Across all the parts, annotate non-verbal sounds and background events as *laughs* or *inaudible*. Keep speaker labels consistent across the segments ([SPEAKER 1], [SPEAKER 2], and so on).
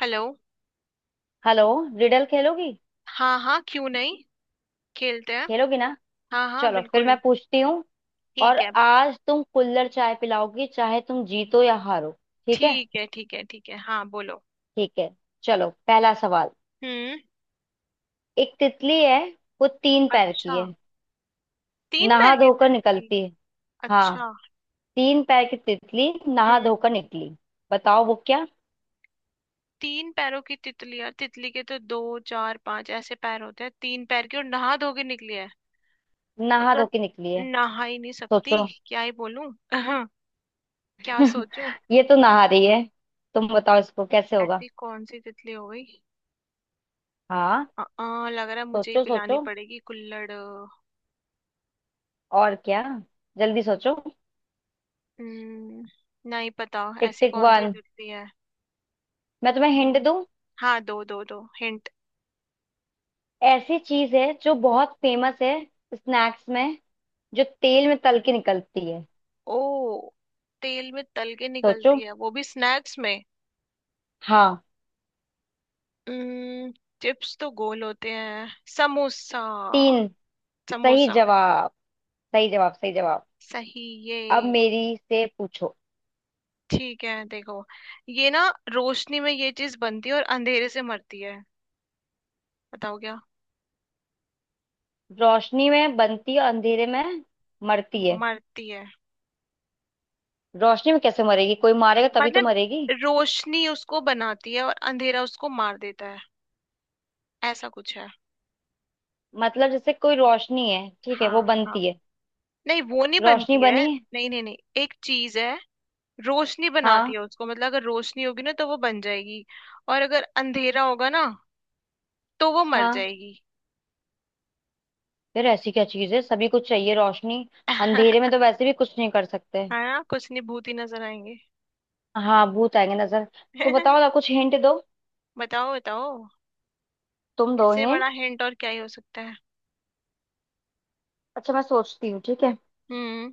[SPEAKER 1] Hello.
[SPEAKER 2] Hello. Riddle खेलोगी।
[SPEAKER 1] हाँ हाँ, क्यों नहीं। खेलते हैं।
[SPEAKER 2] खेलोगी ना।
[SPEAKER 1] हाँ हाँ
[SPEAKER 2] चलो फिर मैं
[SPEAKER 1] बिल्कुल।
[SPEAKER 2] पूछती हूँ। और
[SPEAKER 1] ठीक है
[SPEAKER 2] आज तुम कुल्हड़ चाय पिलाओगी चाहे तुम जीतो या हारो। ठीक है,
[SPEAKER 1] ठीक है ठीक है ठीक है। हाँ बोलो।
[SPEAKER 2] ठीक है। चलो पहला सवाल।
[SPEAKER 1] हम्म।
[SPEAKER 2] एक तितली है। वो तीन पैर
[SPEAKER 1] अच्छा,
[SPEAKER 2] की है।
[SPEAKER 1] तीन पैर
[SPEAKER 2] नहा
[SPEAKER 1] की
[SPEAKER 2] धोकर
[SPEAKER 1] तितली।
[SPEAKER 2] निकलती है। हाँ,
[SPEAKER 1] अच्छा।
[SPEAKER 2] तीन पैर की तितली नहा
[SPEAKER 1] हम्म।
[SPEAKER 2] धोकर निकली। बताओ वो क्या।
[SPEAKER 1] तीन पैरों की तितली यार, तितली के तो दो चार पांच ऐसे पैर होते हैं। तीन पैर की और नहा धो के निकली है। वो
[SPEAKER 2] नहा
[SPEAKER 1] तो
[SPEAKER 2] धो के निकली है।
[SPEAKER 1] नहा ही नहीं सकती।
[SPEAKER 2] सोचो।
[SPEAKER 1] क्या ही बोलूं। *laughs* क्या
[SPEAKER 2] *laughs*
[SPEAKER 1] सोचूं।
[SPEAKER 2] ये तो नहा रही है। तुम बताओ इसको कैसे होगा।
[SPEAKER 1] ऐसी कौन सी तितली हो गई।
[SPEAKER 2] हाँ,
[SPEAKER 1] लग रहा है मुझे ही
[SPEAKER 2] सोचो
[SPEAKER 1] पिलानी
[SPEAKER 2] सोचो।
[SPEAKER 1] पड़ेगी कुल्हड़।
[SPEAKER 2] और क्या। जल्दी सोचो।
[SPEAKER 1] हम्म, नहीं पता
[SPEAKER 2] टिक
[SPEAKER 1] ऐसी
[SPEAKER 2] टिक
[SPEAKER 1] कौन सी
[SPEAKER 2] वन।
[SPEAKER 1] दिखती है।
[SPEAKER 2] मैं तुम्हें हिंट
[SPEAKER 1] हम्म।
[SPEAKER 2] दूं।
[SPEAKER 1] हाँ, दो दो दो हिंट।
[SPEAKER 2] ऐसी चीज है जो बहुत फेमस है स्नैक्स में। जो तेल में तल के निकलती है।
[SPEAKER 1] ओ, तेल में तल के
[SPEAKER 2] सोचो।
[SPEAKER 1] निकलती है वो भी स्नैक्स में।
[SPEAKER 2] हाँ।
[SPEAKER 1] हम्म, चिप्स तो गोल होते हैं। समोसा।
[SPEAKER 2] तीन। सही
[SPEAKER 1] समोसा।
[SPEAKER 2] जवाब। सही जवाब, सही जवाब।
[SPEAKER 1] सही ये।
[SPEAKER 2] अब मेरी से पूछो।
[SPEAKER 1] ठीक है देखो, ये ना रोशनी में ये चीज बनती है और अंधेरे से मरती है। बताओ क्या।
[SPEAKER 2] रोशनी में बनती है, अंधेरे में मरती है।
[SPEAKER 1] मरती है।
[SPEAKER 2] रोशनी में कैसे मरेगी, कोई मारेगा तभी तो
[SPEAKER 1] मतलब
[SPEAKER 2] मरेगी।
[SPEAKER 1] रोशनी उसको बनाती है और अंधेरा उसको मार देता है। ऐसा कुछ है।
[SPEAKER 2] मतलब जैसे कोई रोशनी है, ठीक है,
[SPEAKER 1] हाँ
[SPEAKER 2] वो
[SPEAKER 1] हाँ।
[SPEAKER 2] बनती है।
[SPEAKER 1] नहीं, वो नहीं
[SPEAKER 2] रोशनी
[SPEAKER 1] बनती है।
[SPEAKER 2] बनी है।
[SPEAKER 1] नहीं नहीं नहीं, एक चीज है। रोशनी बनाती है
[SPEAKER 2] हाँ।
[SPEAKER 1] उसको, मतलब अगर रोशनी होगी ना तो वो बन जाएगी। और अगर अंधेरा होगा ना तो वो मर
[SPEAKER 2] हाँ।
[SPEAKER 1] जाएगी।
[SPEAKER 2] यार ऐसी क्या चीज है, सभी कुछ चाहिए रोशनी।
[SPEAKER 1] *laughs*
[SPEAKER 2] अंधेरे में तो वैसे भी कुछ नहीं कर सकते।
[SPEAKER 1] है ना, कुछ नहीं भूत ही नजर आएंगे।
[SPEAKER 2] हाँ, भूत आएंगे नजर। तो बताओ ना,
[SPEAKER 1] *laughs*
[SPEAKER 2] कुछ हिंट दो।
[SPEAKER 1] बताओ बताओ।
[SPEAKER 2] तुम दो
[SPEAKER 1] इससे बड़ा
[SPEAKER 2] हिंट।
[SPEAKER 1] हिंट और क्या ही हो सकता है।
[SPEAKER 2] अच्छा मैं सोचती हूँ, ठीक है।
[SPEAKER 1] हम्म।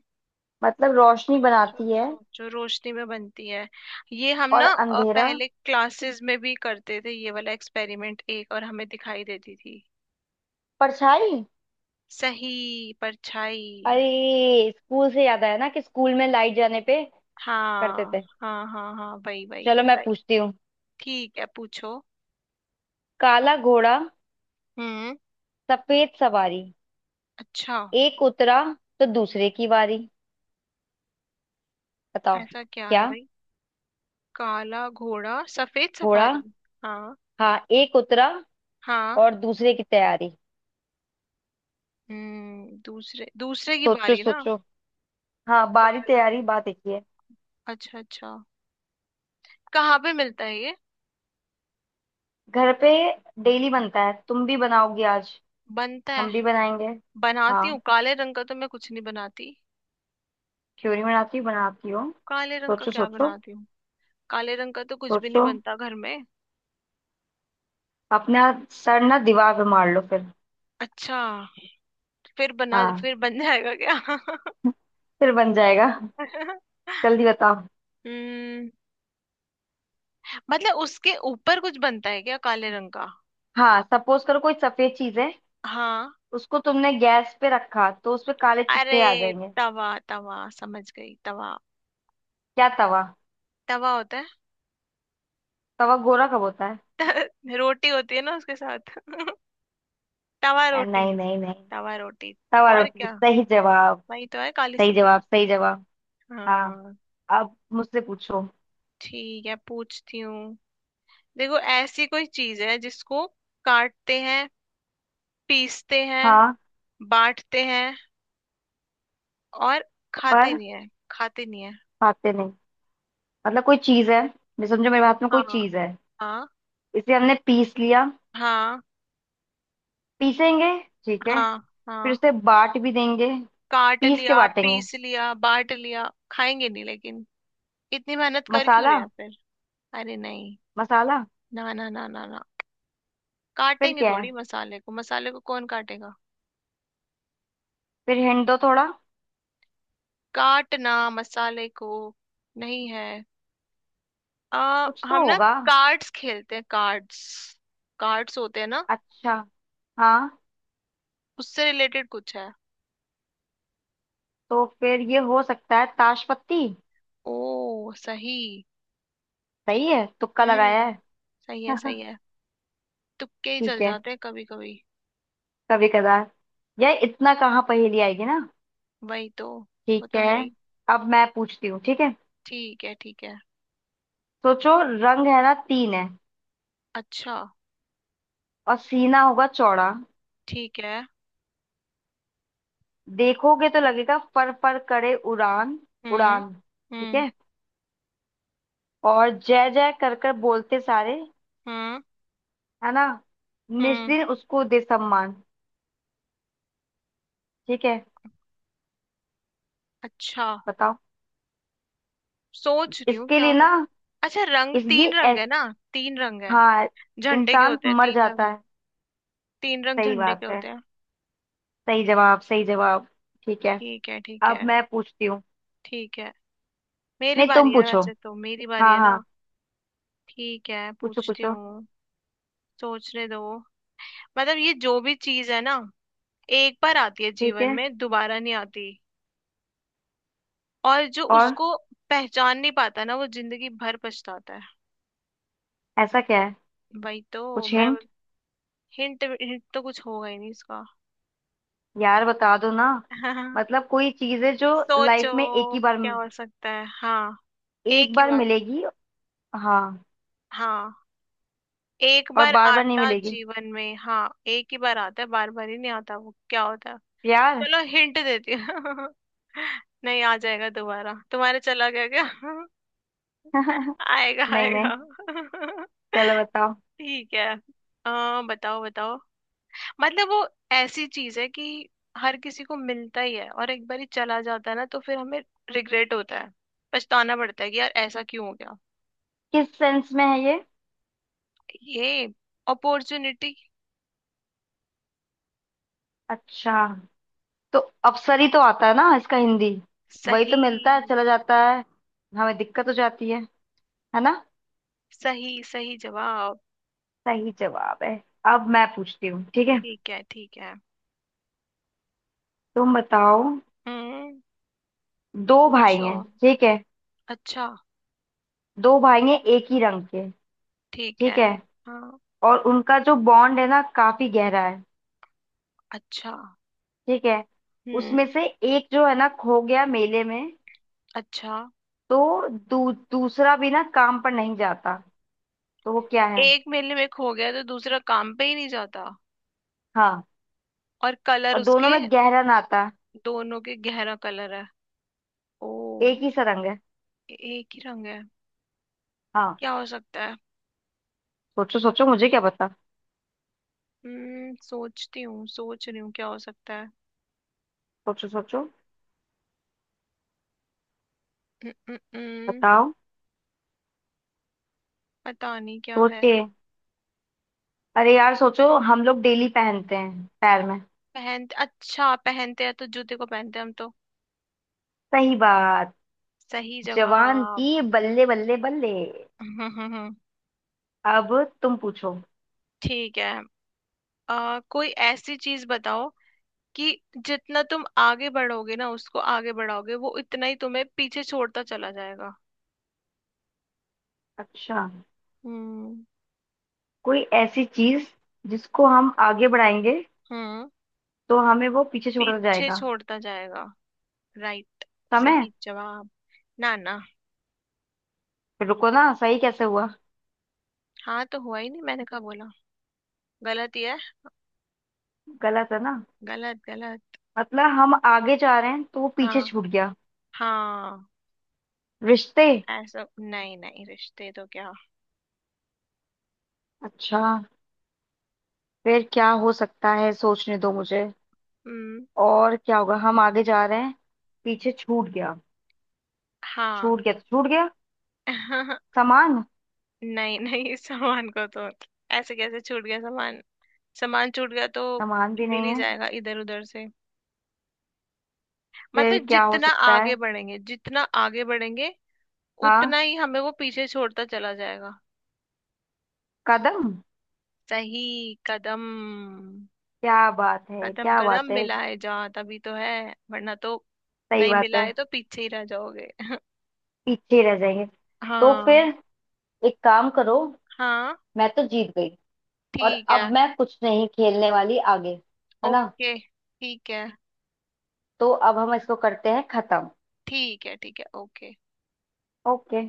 [SPEAKER 2] मतलब रोशनी
[SPEAKER 1] सोचो
[SPEAKER 2] बनाती है
[SPEAKER 1] सोचो, रोशनी में बनती है। ये हम
[SPEAKER 2] और
[SPEAKER 1] ना
[SPEAKER 2] अंधेरा।
[SPEAKER 1] पहले क्लासेस में भी करते थे ये वाला एक्सपेरिमेंट, एक और हमें दिखाई देती थी।
[SPEAKER 2] परछाई।
[SPEAKER 1] सही, परछाई।
[SPEAKER 2] अरे स्कूल से याद आया ना कि स्कूल में लाइट जाने पे करते
[SPEAKER 1] हाँ
[SPEAKER 2] थे।
[SPEAKER 1] हाँ हाँ, हाँ वही वही
[SPEAKER 2] चलो मैं
[SPEAKER 1] सही।
[SPEAKER 2] पूछती हूँ।
[SPEAKER 1] ठीक है पूछो।
[SPEAKER 2] काला घोड़ा
[SPEAKER 1] हम्म।
[SPEAKER 2] सफेद सवारी,
[SPEAKER 1] अच्छा।
[SPEAKER 2] एक उतरा तो दूसरे की बारी। बताओ
[SPEAKER 1] ऐसा क्या है
[SPEAKER 2] क्या।
[SPEAKER 1] भाई। काला घोड़ा सफेद
[SPEAKER 2] घोड़ा।
[SPEAKER 1] सफारी। हाँ।
[SPEAKER 2] हाँ, एक उतरा
[SPEAKER 1] हाँ।
[SPEAKER 2] और दूसरे की तैयारी।
[SPEAKER 1] हम्म, दूसरे दूसरे की
[SPEAKER 2] सोचो
[SPEAKER 1] बारी ना।
[SPEAKER 2] सोचो। हाँ, बारी
[SPEAKER 1] काला।
[SPEAKER 2] तैयारी बात एक ही है।
[SPEAKER 1] अच्छा अच्छा। कहाँ पे मिलता है ये।
[SPEAKER 2] घर पे डेली बनता है, तुम भी बनाओगी आज।
[SPEAKER 1] बनता है।
[SPEAKER 2] हम भी बनाएंगे। हाँ,
[SPEAKER 1] बनाती हूँ, काले रंग का तो मैं कुछ नहीं बनाती।
[SPEAKER 2] क्यों नहीं बनाती, बनाती हो।
[SPEAKER 1] काले रंग का
[SPEAKER 2] सोचो
[SPEAKER 1] क्या
[SPEAKER 2] सोचो
[SPEAKER 1] बनाती हूँ। काले रंग का तो कुछ भी नहीं
[SPEAKER 2] सोचो।
[SPEAKER 1] बनता घर में।
[SPEAKER 2] अपना सर ना दीवार पे मार लो फिर।
[SPEAKER 1] अच्छा, फिर बना
[SPEAKER 2] हाँ।
[SPEAKER 1] फिर बन जाएगा क्या।
[SPEAKER 2] *laughs* फिर बन जाएगा।
[SPEAKER 1] *laughs*
[SPEAKER 2] जल्दी बताओ।
[SPEAKER 1] हम्म, मतलब उसके ऊपर कुछ बनता है क्या काले रंग का।
[SPEAKER 2] हाँ, सपोज करो कोई सफेद चीज है।
[SPEAKER 1] हाँ।
[SPEAKER 2] उसको तुमने गैस पे रखा तो उसपे काले चित्ते आ
[SPEAKER 1] अरे
[SPEAKER 2] जाएंगे।
[SPEAKER 1] तवा, तवा समझ गई, तवा।
[SPEAKER 2] क्या तवा।
[SPEAKER 1] तवा होता है।
[SPEAKER 2] तवा गोरा कब होता है।
[SPEAKER 1] *laughs* त- रोटी होती है ना उसके साथ। *laughs* तवा रोटी।
[SPEAKER 2] नहीं नहीं नहीं।
[SPEAKER 1] तवा रोटी।
[SPEAKER 2] तवा
[SPEAKER 1] और
[SPEAKER 2] रोटी
[SPEAKER 1] क्या,
[SPEAKER 2] सही जवाब।
[SPEAKER 1] वही तो है काली
[SPEAKER 2] सही जवाब,
[SPEAKER 1] सफेद।
[SPEAKER 2] सही जवाब। हाँ।
[SPEAKER 1] हाँ।
[SPEAKER 2] अब मुझसे पूछो।
[SPEAKER 1] ठीक है पूछती हूँ। देखो ऐसी कोई चीज है जिसको काटते हैं, पीसते हैं,
[SPEAKER 2] हाँ।
[SPEAKER 1] बांटते हैं, और खाते
[SPEAKER 2] पर
[SPEAKER 1] नहीं है। खाते नहीं है।
[SPEAKER 2] खाते नहीं। मतलब कोई चीज है। मैं समझो मेरे हाथ में कोई
[SPEAKER 1] हाँ
[SPEAKER 2] चीज है।
[SPEAKER 1] हाँ
[SPEAKER 2] इसे हमने पीस लिया।
[SPEAKER 1] हाँ।
[SPEAKER 2] पीसेंगे, ठीक है।
[SPEAKER 1] हाँ।
[SPEAKER 2] फिर
[SPEAKER 1] हाँ।
[SPEAKER 2] उसे बांट भी देंगे।
[SPEAKER 1] काट
[SPEAKER 2] पीस के
[SPEAKER 1] लिया
[SPEAKER 2] बांटेंगे।
[SPEAKER 1] पीस लिया बांट लिया खाएंगे नहीं लेकिन, इतनी मेहनत कर क्यों
[SPEAKER 2] मसाला।
[SPEAKER 1] रहे हैं फिर। अरे नहीं।
[SPEAKER 2] मसाला।
[SPEAKER 1] ना ना ना ना ना,
[SPEAKER 2] फिर
[SPEAKER 1] काटेंगे
[SPEAKER 2] क्या है।
[SPEAKER 1] थोड़ी मसाले को, मसाले को कौन काटेगा।
[SPEAKER 2] फिर हिंट दो थोड़ा।
[SPEAKER 1] काटना मसाले को नहीं है।
[SPEAKER 2] कुछ
[SPEAKER 1] हम
[SPEAKER 2] तो
[SPEAKER 1] ना
[SPEAKER 2] होगा।
[SPEAKER 1] कार्ड्स खेलते हैं, कार्ड्स। कार्ड्स होते हैं ना,
[SPEAKER 2] अच्छा। हाँ,
[SPEAKER 1] उससे रिलेटेड कुछ है।
[SPEAKER 2] तो फिर ये हो सकता है ताश पत्ती।
[SPEAKER 1] ओ सही।
[SPEAKER 2] सही है, तुक्का लगाया
[SPEAKER 1] हम्म,
[SPEAKER 2] है।
[SPEAKER 1] सही है
[SPEAKER 2] *laughs*
[SPEAKER 1] सही है। तुक्के ही चल
[SPEAKER 2] ठीक है।
[SPEAKER 1] जाते हैं कभी कभी।
[SPEAKER 2] कभी कदार यह इतना कहाँ पहेली आएगी ना।
[SPEAKER 1] वही तो। वो
[SPEAKER 2] ठीक
[SPEAKER 1] तो
[SPEAKER 2] है।
[SPEAKER 1] है ही।
[SPEAKER 2] अब मैं पूछती हूँ, ठीक है।
[SPEAKER 1] ठीक है ठीक है।
[SPEAKER 2] सोचो। रंग है ना तीन है।
[SPEAKER 1] अच्छा।
[SPEAKER 2] और सीना होगा चौड़ा।
[SPEAKER 1] ठीक है।
[SPEAKER 2] देखोगे तो लगेगा फर फर करे उड़ान।
[SPEAKER 1] हम्म।
[SPEAKER 2] उड़ान, ठीक
[SPEAKER 1] हम्म।
[SPEAKER 2] है। और जय जय कर कर बोलते सारे,
[SPEAKER 1] हम्म।
[SPEAKER 2] है ना।
[SPEAKER 1] हम्म।
[SPEAKER 2] निस्दिन उसको दे सम्मान, ठीक है।
[SPEAKER 1] अच्छा।
[SPEAKER 2] बताओ।
[SPEAKER 1] सोच रही हूँ
[SPEAKER 2] इसके
[SPEAKER 1] क्या
[SPEAKER 2] लिए
[SPEAKER 1] होता
[SPEAKER 2] ना
[SPEAKER 1] है। अच्छा, रंग
[SPEAKER 2] इस ये
[SPEAKER 1] तीन रंग
[SPEAKER 2] एस।
[SPEAKER 1] है ना। तीन रंग है,
[SPEAKER 2] हाँ।
[SPEAKER 1] झंडे के
[SPEAKER 2] इंसान
[SPEAKER 1] होते हैं
[SPEAKER 2] मर
[SPEAKER 1] तीन
[SPEAKER 2] जाता
[SPEAKER 1] रंग।
[SPEAKER 2] है।
[SPEAKER 1] तीन रंग
[SPEAKER 2] सही
[SPEAKER 1] झंडे
[SPEAKER 2] बात
[SPEAKER 1] के
[SPEAKER 2] है।
[SPEAKER 1] होते हैं।
[SPEAKER 2] सही जवाब, सही जवाब। ठीक है।
[SPEAKER 1] ठीक है ठीक
[SPEAKER 2] अब
[SPEAKER 1] है
[SPEAKER 2] मैं पूछती हूँ।
[SPEAKER 1] ठीक है। मेरी
[SPEAKER 2] नहीं,
[SPEAKER 1] बारी
[SPEAKER 2] तुम
[SPEAKER 1] है,
[SPEAKER 2] पूछो।
[SPEAKER 1] वैसे तो मेरी बारी
[SPEAKER 2] हाँ
[SPEAKER 1] है ना।
[SPEAKER 2] हाँ।
[SPEAKER 1] ठीक है
[SPEAKER 2] पूछो
[SPEAKER 1] पूछती
[SPEAKER 2] पूछो।
[SPEAKER 1] हूँ। सोचने दो। मतलब ये जो भी चीज है ना, एक बार आती है
[SPEAKER 2] ठीक
[SPEAKER 1] जीवन
[SPEAKER 2] है।
[SPEAKER 1] में, दोबारा नहीं आती। और जो
[SPEAKER 2] और।
[SPEAKER 1] उसको पहचान नहीं पाता ना, वो जिंदगी भर पछताता है।
[SPEAKER 2] ऐसा क्या है।
[SPEAKER 1] वही तो
[SPEAKER 2] कुछ
[SPEAKER 1] मैं।
[SPEAKER 2] हिंट।
[SPEAKER 1] हिंट, हिंट तो कुछ होगा ही नहीं इसका।
[SPEAKER 2] यार बता दो ना।
[SPEAKER 1] हाँ।
[SPEAKER 2] मतलब कोई चीज है जो
[SPEAKER 1] सोचो
[SPEAKER 2] लाइफ में एक ही बार,
[SPEAKER 1] क्या हो सकता है। हाँ,
[SPEAKER 2] एक
[SPEAKER 1] एक ही
[SPEAKER 2] बार
[SPEAKER 1] बार।
[SPEAKER 2] मिलेगी। हाँ।
[SPEAKER 1] हाँ, एक
[SPEAKER 2] और
[SPEAKER 1] बार
[SPEAKER 2] बार बार नहीं
[SPEAKER 1] आता
[SPEAKER 2] मिलेगी।
[SPEAKER 1] जीवन में, हाँ एक ही बार आता है, बार बार ही नहीं आता। वो क्या होता है।
[SPEAKER 2] प्यार।
[SPEAKER 1] चलो हिंट देती हूँ। *laughs* नहीं, आ जाएगा दोबारा, तुम्हारे चला गया क्या। *laughs*
[SPEAKER 2] *laughs*
[SPEAKER 1] आएगा
[SPEAKER 2] नहीं। नहीं।
[SPEAKER 1] आएगा। *laughs*
[SPEAKER 2] चलो बताओ।
[SPEAKER 1] ठीक है। बताओ बताओ। मतलब वो ऐसी चीज है कि हर किसी को मिलता ही है, और एक बार ही चला जाता है ना तो फिर हमें रिग्रेट होता है, पछताना पड़ता है कि यार ऐसा क्यों हो गया।
[SPEAKER 2] किस सेंस में है ये।
[SPEAKER 1] ये, अपॉर्चुनिटी।
[SPEAKER 2] अच्छा। तो अप्सरी तो आता है ना इसका हिंदी। वही तो मिलता
[SPEAKER 1] सही,
[SPEAKER 2] है, चला जाता है। हमें दिक्कत हो जाती है ना।
[SPEAKER 1] सही सही जवाब।
[SPEAKER 2] सही जवाब है। अब मैं पूछती हूँ, ठीक है।
[SPEAKER 1] ठीक है ठीक है।
[SPEAKER 2] तुम बताओ।
[SPEAKER 1] हम्म।
[SPEAKER 2] दो भाई
[SPEAKER 1] पूछो।
[SPEAKER 2] हैं, ठीक है।
[SPEAKER 1] अच्छा।
[SPEAKER 2] दो भाई हैं एक ही रंग के,
[SPEAKER 1] ठीक है।
[SPEAKER 2] ठीक है।
[SPEAKER 1] हाँ।
[SPEAKER 2] और उनका जो बॉन्ड है ना काफी गहरा है,
[SPEAKER 1] अच्छा।
[SPEAKER 2] ठीक है।
[SPEAKER 1] हम्म।
[SPEAKER 2] उसमें से एक जो है ना खो गया मेले में।
[SPEAKER 1] अच्छा,
[SPEAKER 2] तो दूसरा भी ना काम पर नहीं जाता। तो वो क्या है।
[SPEAKER 1] एक मेले में खो गया तो दूसरा काम पे ही नहीं जाता।
[SPEAKER 2] हाँ
[SPEAKER 1] और कलर
[SPEAKER 2] और दोनों
[SPEAKER 1] उसके,
[SPEAKER 2] में गहरा नाता।
[SPEAKER 1] दोनों के गहरा कलर है। ओ,
[SPEAKER 2] एक ही सा रंग है।
[SPEAKER 1] एक ही रंग है।
[SPEAKER 2] हाँ।
[SPEAKER 1] क्या हो सकता है।
[SPEAKER 2] सोचो सोचो, मुझे क्या पता।
[SPEAKER 1] हम्म, सोचती हूँ, सोच रही हूँ क्या हो सकता है।
[SPEAKER 2] सोचो सोचो।
[SPEAKER 1] हम्म, हम्म, हम्म,
[SPEAKER 2] बताओ।
[SPEAKER 1] पता नहीं क्या है।
[SPEAKER 2] सोचिए। अरे यार सोचो, हम लोग डेली पहनते हैं पैर में।
[SPEAKER 1] पहन, अच्छा पहनते हैं तो जूते को पहनते हैं हम तो।
[SPEAKER 2] सही बात।
[SPEAKER 1] सही
[SPEAKER 2] जवान
[SPEAKER 1] जवाब।
[SPEAKER 2] की
[SPEAKER 1] *laughs*
[SPEAKER 2] बल्ले बल्ले बल्ले।
[SPEAKER 1] हम्म, हम्म।
[SPEAKER 2] अब तुम पूछो।
[SPEAKER 1] ठीक है। कोई ऐसी चीज बताओ कि जितना तुम आगे बढ़ोगे ना, उसको आगे बढ़ाओगे वो उतना ही तुम्हें पीछे छोड़ता चला जाएगा।
[SPEAKER 2] अच्छा।
[SPEAKER 1] हम्म।
[SPEAKER 2] कोई ऐसी चीज जिसको हम आगे बढ़ाएंगे
[SPEAKER 1] हम्म,
[SPEAKER 2] तो हमें वो पीछे छोड़ता
[SPEAKER 1] पीछे
[SPEAKER 2] जाएगा।
[SPEAKER 1] छोड़ता जाएगा, राइट।
[SPEAKER 2] समय।
[SPEAKER 1] सही जवाब। ना ना,
[SPEAKER 2] रुको ना, सही कैसे हुआ।
[SPEAKER 1] हाँ तो हुआ ही नहीं, मैंने कहा बोला, गलत ही है।
[SPEAKER 2] गलत है ना।
[SPEAKER 1] गलत गलत।
[SPEAKER 2] मतलब हम आगे जा रहे हैं तो वो
[SPEAKER 1] हाँ।
[SPEAKER 2] पीछे छूट गया।
[SPEAKER 1] हाँ।
[SPEAKER 2] रिश्ते।
[SPEAKER 1] ऐसा नहीं, नहीं रिश्ते तो क्या।
[SPEAKER 2] अच्छा। फिर क्या हो सकता है, सोचने दो मुझे।
[SPEAKER 1] हम्म।
[SPEAKER 2] और क्या होगा, हम आगे जा रहे हैं, पीछे छूट गया।
[SPEAKER 1] हाँ।
[SPEAKER 2] छूट गया तो छूट गया।
[SPEAKER 1] *laughs*
[SPEAKER 2] सामान।
[SPEAKER 1] नहीं नहीं, सामान को तो ऐसे कैसे छूट गया सामान। सामान छूट गया तो
[SPEAKER 2] सामान भी
[SPEAKER 1] मिल
[SPEAKER 2] नहीं
[SPEAKER 1] ही
[SPEAKER 2] है।
[SPEAKER 1] जाएगा इधर उधर से।
[SPEAKER 2] फिर
[SPEAKER 1] मतलब
[SPEAKER 2] क्या हो
[SPEAKER 1] जितना
[SPEAKER 2] सकता
[SPEAKER 1] आगे
[SPEAKER 2] है।
[SPEAKER 1] बढ़ेंगे, जितना आगे बढ़ेंगे
[SPEAKER 2] हाँ।
[SPEAKER 1] उतना ही हमें वो पीछे छोड़ता चला जाएगा।
[SPEAKER 2] कदम।
[SPEAKER 1] सही, कदम।
[SPEAKER 2] क्या बात है,
[SPEAKER 1] कदम,
[SPEAKER 2] क्या
[SPEAKER 1] कदम
[SPEAKER 2] बात है।
[SPEAKER 1] मिलाए जा तभी तो है, वरना तो।
[SPEAKER 2] सही
[SPEAKER 1] नहीं
[SPEAKER 2] बात है।
[SPEAKER 1] मिलाए तो पीछे ही रह जाओगे।
[SPEAKER 2] पीछे ही रह जाएंगे। तो
[SPEAKER 1] हाँ।
[SPEAKER 2] फिर एक काम करो।
[SPEAKER 1] हाँ।
[SPEAKER 2] मैं तो जीत गई। और
[SPEAKER 1] ठीक है
[SPEAKER 2] अब मैं कुछ नहीं खेलने वाली आगे, है ना।
[SPEAKER 1] ओके। ठीक है
[SPEAKER 2] तो अब हम इसको करते हैं खत्म।
[SPEAKER 1] ठीक है ठीक है ओके।
[SPEAKER 2] ओके।